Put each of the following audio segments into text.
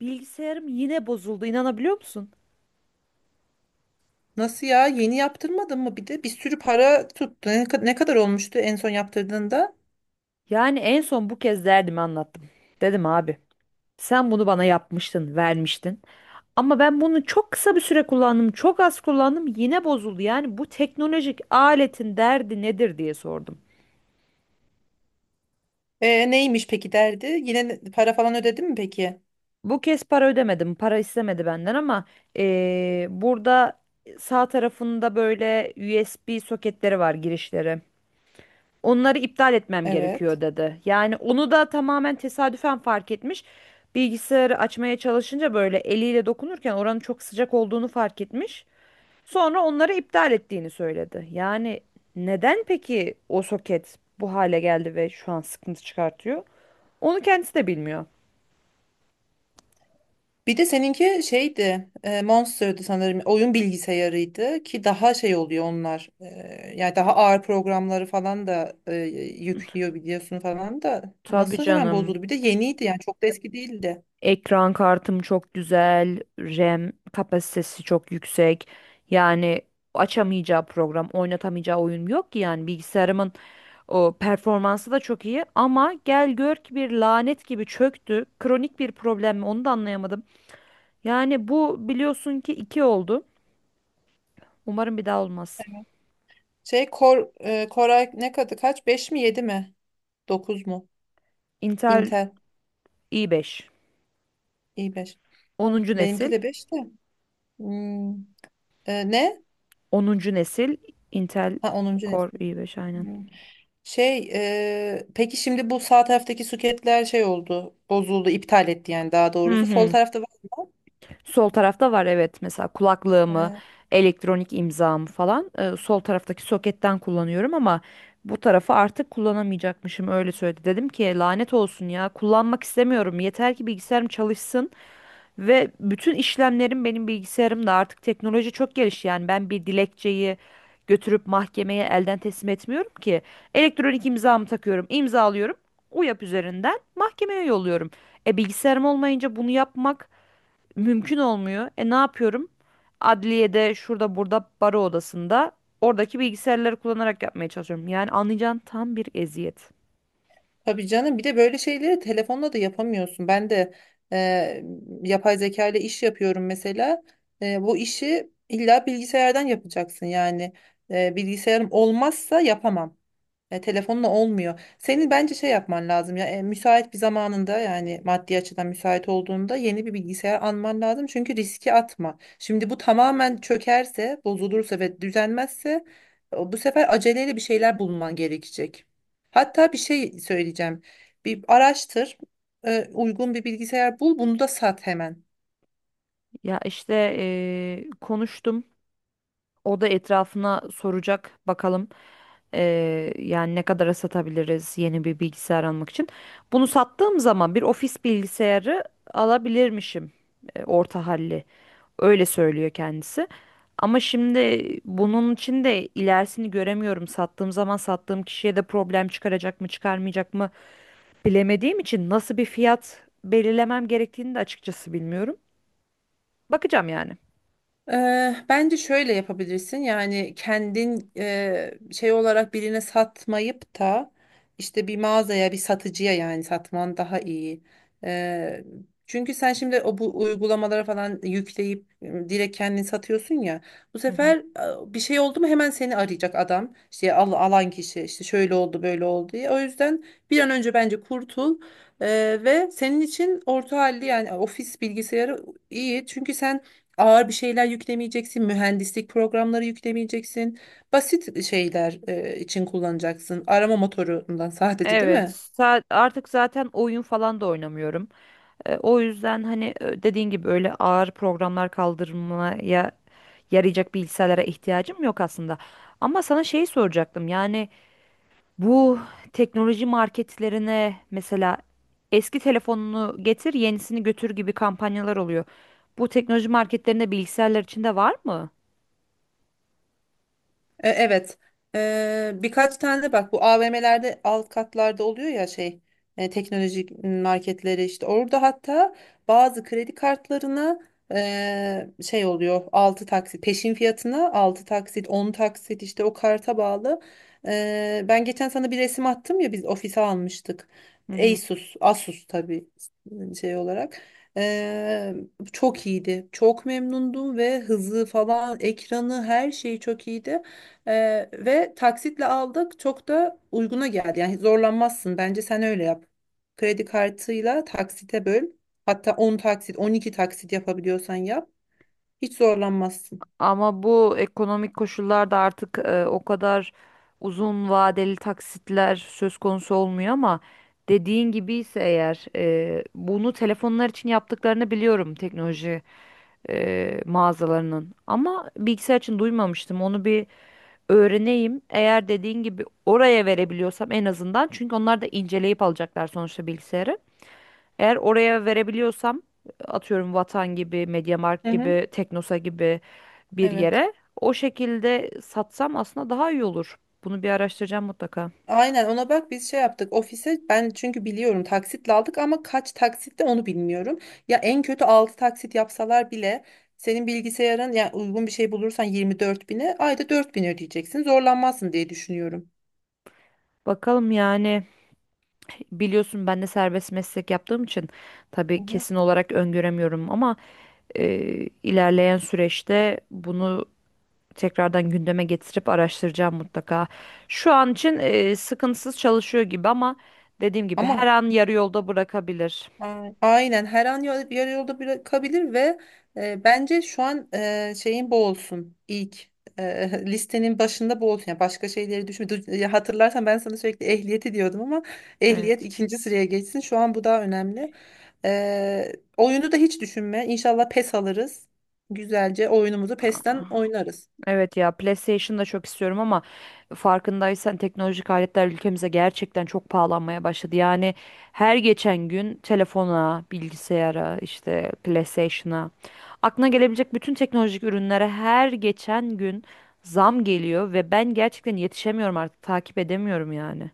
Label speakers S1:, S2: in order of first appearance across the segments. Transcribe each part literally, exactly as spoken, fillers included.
S1: Bilgisayarım yine bozuldu, inanabiliyor musun?
S2: Nasıl ya? Yeni yaptırmadın mı bir de? Bir sürü para tuttu. Ne, kad- ne kadar olmuştu en son yaptırdığında?
S1: Yani en son bu kez derdimi anlattım. Dedim abi, sen bunu bana yapmıştın, vermiştin. Ama ben bunu çok kısa bir süre kullandım, çok az kullandım, yine bozuldu. Yani bu teknolojik aletin derdi nedir diye sordum.
S2: E, neymiş peki derdi? Yine ne- para falan ödedin mi peki?
S1: Bu kez para ödemedim, para istemedi benden, ama eee, burada sağ tarafında böyle U S B soketleri var, girişleri. Onları iptal etmem gerekiyor
S2: Evet.
S1: dedi. Yani onu da tamamen tesadüfen fark etmiş. Bilgisayarı açmaya çalışınca böyle eliyle dokunurken oranın çok sıcak olduğunu fark etmiş. Sonra onları iptal ettiğini söyledi. Yani neden peki o soket bu hale geldi ve şu an sıkıntı çıkartıyor? Onu kendisi de bilmiyor.
S2: Bir de seninki şeydi, e, Monster'dı sanırım. Oyun bilgisayarıydı ki daha şey oluyor onlar. E, yani daha ağır programları falan da e, yüklüyor biliyorsun falan da.
S1: Tabii
S2: Nasıl hemen
S1: canım.
S2: bozuldu? Bir de yeniydi yani çok da eski değildi.
S1: Ekran kartım çok güzel, RAM kapasitesi çok yüksek. Yani açamayacağı program, oynatamayacağı oyun yok ki yani bilgisayarımın. O performansı da çok iyi ama gel gör ki bir lanet gibi çöktü. Kronik bir problem mi, onu da anlayamadım. Yani bu, biliyorsun ki, iki oldu. Umarım bir daha olmaz.
S2: Şey Kor, e, Koray ne kadı kaç? Beş mi yedi mi? Dokuz mu?
S1: Intel
S2: Intel
S1: i beş,
S2: i beş.
S1: onuncu
S2: Benimki
S1: nesil.
S2: de beş de. Hmm, e, Ne?
S1: Onuncu nesil Intel
S2: Ha, onuncu
S1: Core
S2: nesil.
S1: i beş, aynen.
S2: Hmm. Şey, e, peki şimdi bu sağ taraftaki suketler şey oldu, bozuldu, iptal etti yani daha
S1: Hı
S2: doğrusu. Sol
S1: hı.
S2: tarafta var.
S1: Sol tarafta var evet, mesela kulaklığımı,
S2: E,
S1: elektronik imzamı falan e, sol taraftaki soketten kullanıyorum, ama bu tarafı artık kullanamayacakmışım, öyle söyledi. Dedim ki lanet olsun ya, kullanmak istemiyorum, yeter ki bilgisayarım çalışsın ve bütün işlemlerim benim bilgisayarımda. Artık teknoloji çok gelişti, yani ben bir dilekçeyi götürüp mahkemeye elden teslim etmiyorum ki, elektronik imzamı takıyorum, imzalıyorum, UYAP üzerinden mahkemeye yolluyorum. E bilgisayarım olmayınca bunu yapmak mümkün olmuyor. E ne yapıyorum? Adliyede, şurada burada, baro odasında, oradaki bilgisayarları kullanarak yapmaya çalışıyorum. Yani anlayacağın tam bir eziyet.
S2: tabii canım, bir de böyle şeyleri telefonla da yapamıyorsun. Ben de e, yapay zeka ile iş yapıyorum mesela. E, bu işi illa bilgisayardan yapacaksın yani. E, bilgisayarım olmazsa yapamam. E, telefonla olmuyor. Senin bence şey yapman lazım ya, e, müsait bir zamanında yani maddi açıdan müsait olduğunda yeni bir bilgisayar alman lazım. Çünkü riski atma. Şimdi bu tamamen çökerse, bozulursa ve düzenmezse o- bu sefer aceleyle bir şeyler bulman gerekecek. Hatta bir şey söyleyeceğim. Bir araştır, e, uygun bir bilgisayar bul, bunu da sat hemen.
S1: Ya işte eee, konuştum. O da etrafına soracak bakalım. Eee, yani ne kadara satabiliriz yeni bir bilgisayar almak için. Bunu sattığım zaman bir ofis bilgisayarı alabilirmişim. E, orta halli. Öyle söylüyor kendisi. Ama şimdi bunun için de ilerisini göremiyorum. Sattığım zaman sattığım kişiye de problem çıkaracak mı, çıkarmayacak mı bilemediğim için nasıl bir fiyat belirlemem gerektiğini de açıkçası bilmiyorum. Bakacağım yani.
S2: Eee, bence şöyle yapabilirsin, yani kendin eee, şey olarak birine satmayıp da işte bir mağazaya, bir satıcıya yani satman daha iyi. Eee, Çünkü sen şimdi o bu uygulamalara falan yükleyip e, direkt kendin satıyorsun ya, bu
S1: Hı hı.
S2: sefer e, bir şey oldu mu hemen seni arayacak adam, işte al, alan kişi işte şöyle oldu böyle oldu diye. O yüzden bir an önce bence kurtul. Eee, ve senin için orta halli yani ofis bilgisayarı iyi, çünkü sen ağır bir şeyler yüklemeyeceksin, mühendislik programları yüklemeyeceksin. Basit şeyler e, için kullanacaksın. Arama motorundan sadece, değil
S1: Evet,
S2: mi?
S1: sa- artık zaten oyun falan da oynamıyorum. E, o yüzden hani, e, dediğin gibi, öyle ağır programlar kaldırmaya yarayacak bilgisayarlara ihtiyacım yok aslında. Ama sana şeyi soracaktım. Yani bu teknoloji marketlerine mesela "eski telefonunu getir, yenisini götür" gibi kampanyalar oluyor. Bu teknoloji marketlerinde bilgisayarlar için de var mı?
S2: E, Evet. E, birkaç tane de bak, bu A V M'lerde alt katlarda oluyor ya, şey e, teknolojik marketleri işte, orada hatta bazı kredi kartlarına e, şey oluyor, altı taksit peşin fiyatına altı taksit, on taksit, işte o karta bağlı. E, ben geçen sana bir resim attım ya, biz ofise almıştık.
S1: Hı hı.
S2: Asus, Asus tabii e, şey olarak. E, Çok iyiydi. Çok memnundum ve hızı falan, ekranı, her şeyi çok iyiydi. Ee, ve taksitle aldık. Çok da uyguna geldi. Yani zorlanmazsın. Bence sen öyle yap. Kredi kartıyla taksite böl. Hatta on taksit, on iki taksit yapabiliyorsan yap. Hiç zorlanmazsın.
S1: Ama bu ekonomik koşullarda artık e, o kadar uzun vadeli taksitler söz konusu olmuyor, ama dediğin gibi ise eğer, e, bunu telefonlar için yaptıklarını biliyorum teknoloji e, mağazalarının. Ama bilgisayar için duymamıştım. Onu bir öğreneyim. Eğer dediğin gibi oraya verebiliyorsam, en azından, çünkü onlar da inceleyip alacaklar sonuçta bilgisayarı. Eğer oraya verebiliyorsam, atıyorum Vatan gibi,
S2: Hı
S1: MediaMarkt
S2: hı.
S1: gibi, Teknosa gibi bir
S2: Evet.
S1: yere o şekilde satsam aslında daha iyi olur. Bunu bir araştıracağım mutlaka.
S2: Aynen, ona bak. Biz şey yaptık ofise, ben çünkü biliyorum taksitle aldık ama kaç taksitte onu bilmiyorum. Ya en kötü altı taksit yapsalar bile senin bilgisayarın yani uygun bir şey bulursan yirmi dört bine, ayda dört bin ödeyeceksin, zorlanmazsın diye düşünüyorum.
S1: Bakalım yani, biliyorsun ben de serbest meslek yaptığım için
S2: Hı
S1: tabii
S2: hı.
S1: kesin olarak öngöremiyorum, ama e, ilerleyen süreçte bunu tekrardan gündeme getirip araştıracağım mutlaka. Şu an için e, sıkıntısız çalışıyor gibi, ama dediğim gibi her
S2: Ama
S1: an yarı yolda bırakabilir.
S2: A- aynen her an ya- yarı yolda bırakabilir ve e, bence şu an e, şeyin bu olsun, ilk e, listenin başında bu olsun. Yani başka şeyleri düşün. Du- ya hatırlarsan, ben sana sürekli ehliyeti diyordum ama ehliyet
S1: Evet.
S2: ikinci sıraya geçsin. Şu an bu daha önemli. E, oyunu da hiç düşünme. İnşallah PES alırız. Güzelce oyunumuzu PES'ten
S1: Aa,
S2: oynarız.
S1: evet ya, PlayStation da çok istiyorum ama, farkındaysan, teknolojik aletler ülkemize gerçekten çok pahalanmaya başladı. Yani her geçen gün telefona, bilgisayara, işte PlayStation'a, aklına gelebilecek bütün teknolojik ürünlere her geçen gün zam geliyor ve ben gerçekten yetişemiyorum, artık takip edemiyorum yani.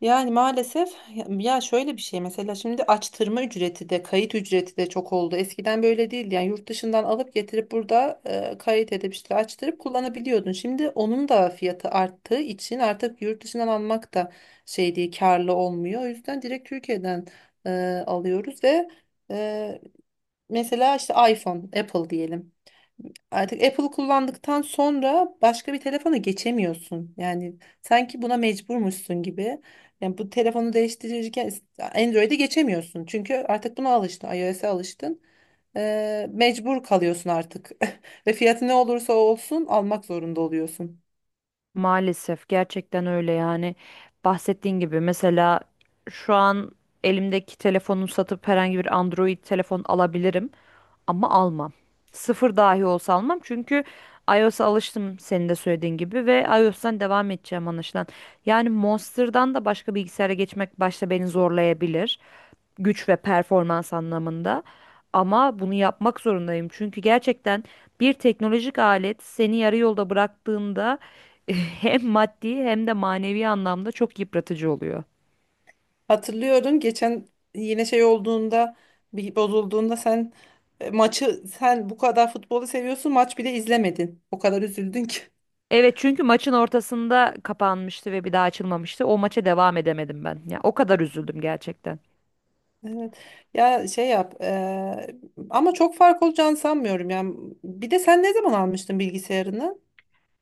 S2: Yani maalesef, ya şöyle bir şey mesela, şimdi açtırma ücreti de kayıt ücreti de çok oldu. Eskiden böyle değildi. Yani yurt dışından alıp getirip burada e, kayıt edip işte açtırıp kullanabiliyordun. Şimdi onun da fiyatı arttığı için artık yurt dışından almak da şey değil, karlı olmuyor. O yüzden direkt Türkiye'den e, alıyoruz ve e, mesela işte iPhone, Apple diyelim. Artık Apple'ı kullandıktan sonra başka bir telefona geçemiyorsun. Yani sanki buna mecburmuşsun gibi. Yani bu telefonu değiştirirken Android'e geçemiyorsun. Çünkü artık buna alıştın, iOS'e alıştın. Ee, mecbur kalıyorsun artık. Ve fiyatı ne olursa olsun almak zorunda oluyorsun.
S1: Maalesef gerçekten öyle, yani bahsettiğin gibi. Mesela şu an elimdeki telefonu satıp herhangi bir Android telefon alabilirim, ama almam. Sıfır dahi olsa almam, çünkü iOS'a alıştım, senin de söylediğin gibi, ve iOS'tan devam edeceğim anlaşılan. Yani Monster'dan da başka bilgisayara geçmek başta beni zorlayabilir güç ve performans anlamında. Ama bunu yapmak zorundayım, çünkü gerçekten bir teknolojik alet seni yarı yolda bıraktığında hem maddi hem de manevi anlamda çok yıpratıcı oluyor.
S2: Hatırlıyorum, geçen yine şey olduğunda, bir bozulduğunda sen, e, maçı sen bu kadar futbolu seviyorsun, maç bile izlemedin. O kadar üzüldün ki.
S1: Evet, çünkü maçın ortasında kapanmıştı ve bir daha açılmamıştı. O maça devam edemedim ben. Ya o kadar üzüldüm gerçekten.
S2: Evet. Ya şey yap. eee, ama çok fark olacağını sanmıyorum. Yani bir de sen ne zaman almıştın bilgisayarını?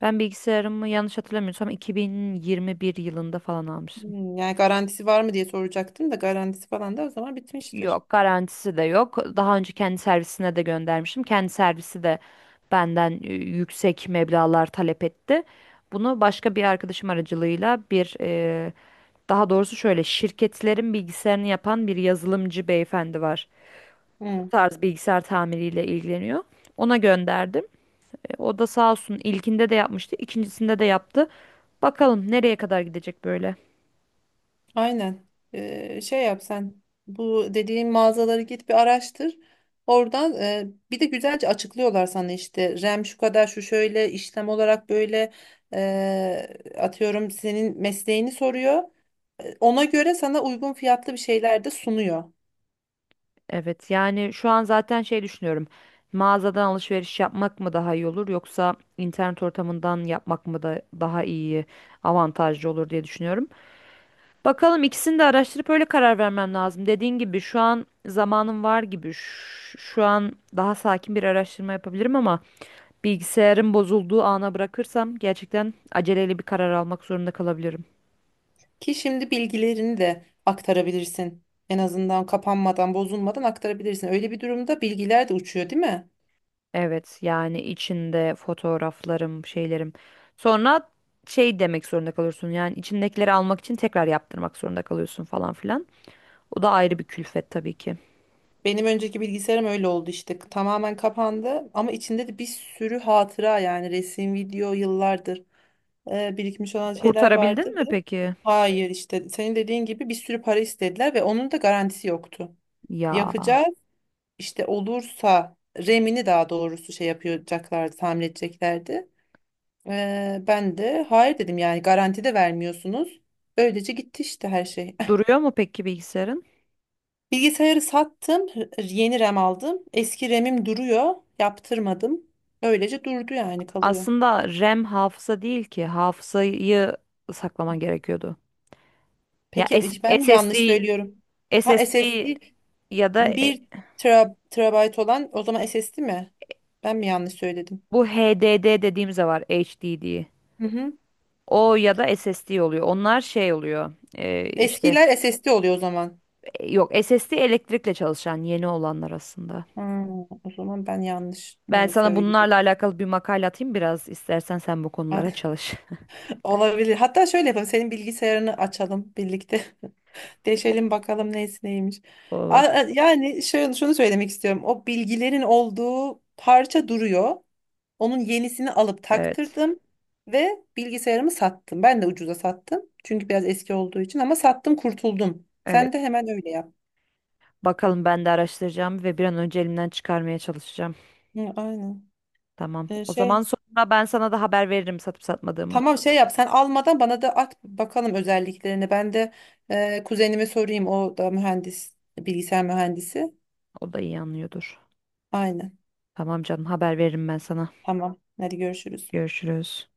S1: Ben bilgisayarımı, yanlış hatırlamıyorsam, iki bin yirmi bir yılında falan almıştım.
S2: Hmm, yani garantisi var mı diye soracaktım da, garantisi falan da o zaman bitmiştir.
S1: Yok, garantisi de yok. Daha önce kendi servisine de göndermiştim. Kendi servisi de benden e, yüksek meblağlar talep etti. Bunu başka bir arkadaşım aracılığıyla bir... Daha doğrusu, şöyle, şirketlerin bilgisayarını yapan bir yazılımcı beyefendi var. Bu
S2: Hmm,
S1: tarz bilgisayar tamiriyle ilgileniyor. Ona gönderdim. E, o da sağ olsun, ilkinde de yapmıştı, ikincisinde de yaptı. Bakalım nereye kadar gidecek böyle.
S2: aynen. Eee, şey yap sen. Bu dediğim mağazaları git bir araştır. Oradan eee, bir de güzelce açıklıyorlar sana, işte RAM şu kadar, şu şöyle işlem olarak böyle, eee, atıyorum senin mesleğini soruyor. Ona göre sana uygun fiyatlı bir şeyler de sunuyor.
S1: Evet, yani şu an zaten şey düşünüyorum. Mağazadan alışveriş yapmak mı daha iyi olur, yoksa internet ortamından yapmak mı da daha iyi, avantajlı olur diye düşünüyorum. Bakalım, ikisini de araştırıp öyle karar vermem lazım. Dediğin gibi şu an zamanım var gibi. Ş- Şu an daha sakin bir araştırma yapabilirim, ama bilgisayarın bozulduğu ana bırakırsam gerçekten aceleyle bir karar almak zorunda kalabilirim.
S2: Ki şimdi bilgilerini de aktarabilirsin. En azından kapanmadan, bozulmadan aktarabilirsin. Öyle bir durumda bilgiler de uçuyor, değil mi?
S1: Evet, yani içinde fotoğraflarım, şeylerim. Sonra şey demek zorunda kalıyorsun. Yani içindekileri almak için tekrar yaptırmak zorunda kalıyorsun falan filan. O da ayrı bir külfet tabii ki.
S2: Benim önceki bilgisayarım öyle oldu işte. Tamamen kapandı ama içinde de bir sürü hatıra, yani resim, video, yıllardır e, birikmiş olan şeyler vardı.
S1: Kurtarabildin
S2: Ve
S1: mi peki?
S2: hayır, işte senin dediğin gibi bir sürü para istediler ve onun da garantisi yoktu.
S1: Ya,
S2: Yapacağız, işte olursa RAM'ini, daha doğrusu şey yapacaklardı, tamir edeceklerdi. Ee, ben de hayır dedim, yani garanti de vermiyorsunuz. Öylece gitti işte her şey.
S1: duruyor mu peki bilgisayarın?
S2: Bilgisayarı sattım, yeni RAM aldım. Eski RAM'im duruyor, yaptırmadım. Öylece durdu, yani kalıyor.
S1: Aslında RAM hafıza değil ki. Hafızayı saklaman gerekiyordu. Ya
S2: Peki
S1: S-
S2: e, ben mi yanlış
S1: SSD,
S2: söylüyorum? Ha,
S1: S S D,
S2: S S D.
S1: ya da e,
S2: Bir tera, terabayt olan o zaman S S D mi? Ben mi yanlış söyledim?
S1: bu HDD dediğimiz de var, H D diye.
S2: Hı hı.
S1: O ya da S S D oluyor. Onlar şey oluyor, e, işte.
S2: Eskiler S S D oluyor o zaman.
S1: E, yok, S S D elektrikle çalışan yeni olanlar aslında.
S2: Ha, o zaman ben yanlış
S1: Ben
S2: e,
S1: sana bunlarla
S2: söylüyorum.
S1: alakalı bir makale atayım, biraz istersen sen bu konulara çalış.
S2: Olabilir. Hatta şöyle yapalım. Senin bilgisayarını açalım birlikte. Deşelim bakalım neyse neymiş. A-
S1: Olur.
S2: a- Yani şunu, şunu söylemek istiyorum. O bilgilerin olduğu parça duruyor. Onun yenisini alıp
S1: Evet.
S2: taktırdım ve bilgisayarımı sattım. Ben de ucuza sattım. Çünkü biraz eski olduğu için, ama sattım kurtuldum.
S1: Evet,
S2: Sen de hemen öyle yap.
S1: bakalım, ben de araştıracağım ve bir an önce elimden çıkarmaya çalışacağım.
S2: Hı, aynen.
S1: Tamam.
S2: Ee,
S1: O
S2: şey
S1: zaman sonra ben sana da haber veririm satıp satmadığımı.
S2: tamam şey yap, sen almadan bana da at bakalım özelliklerini. Ben de e, kuzenime sorayım, o da mühendis, bilgisayar mühendisi.
S1: O da iyi anlıyordur.
S2: Aynen.
S1: Tamam canım, haber veririm ben sana.
S2: Tamam. Hadi görüşürüz.
S1: Görüşürüz.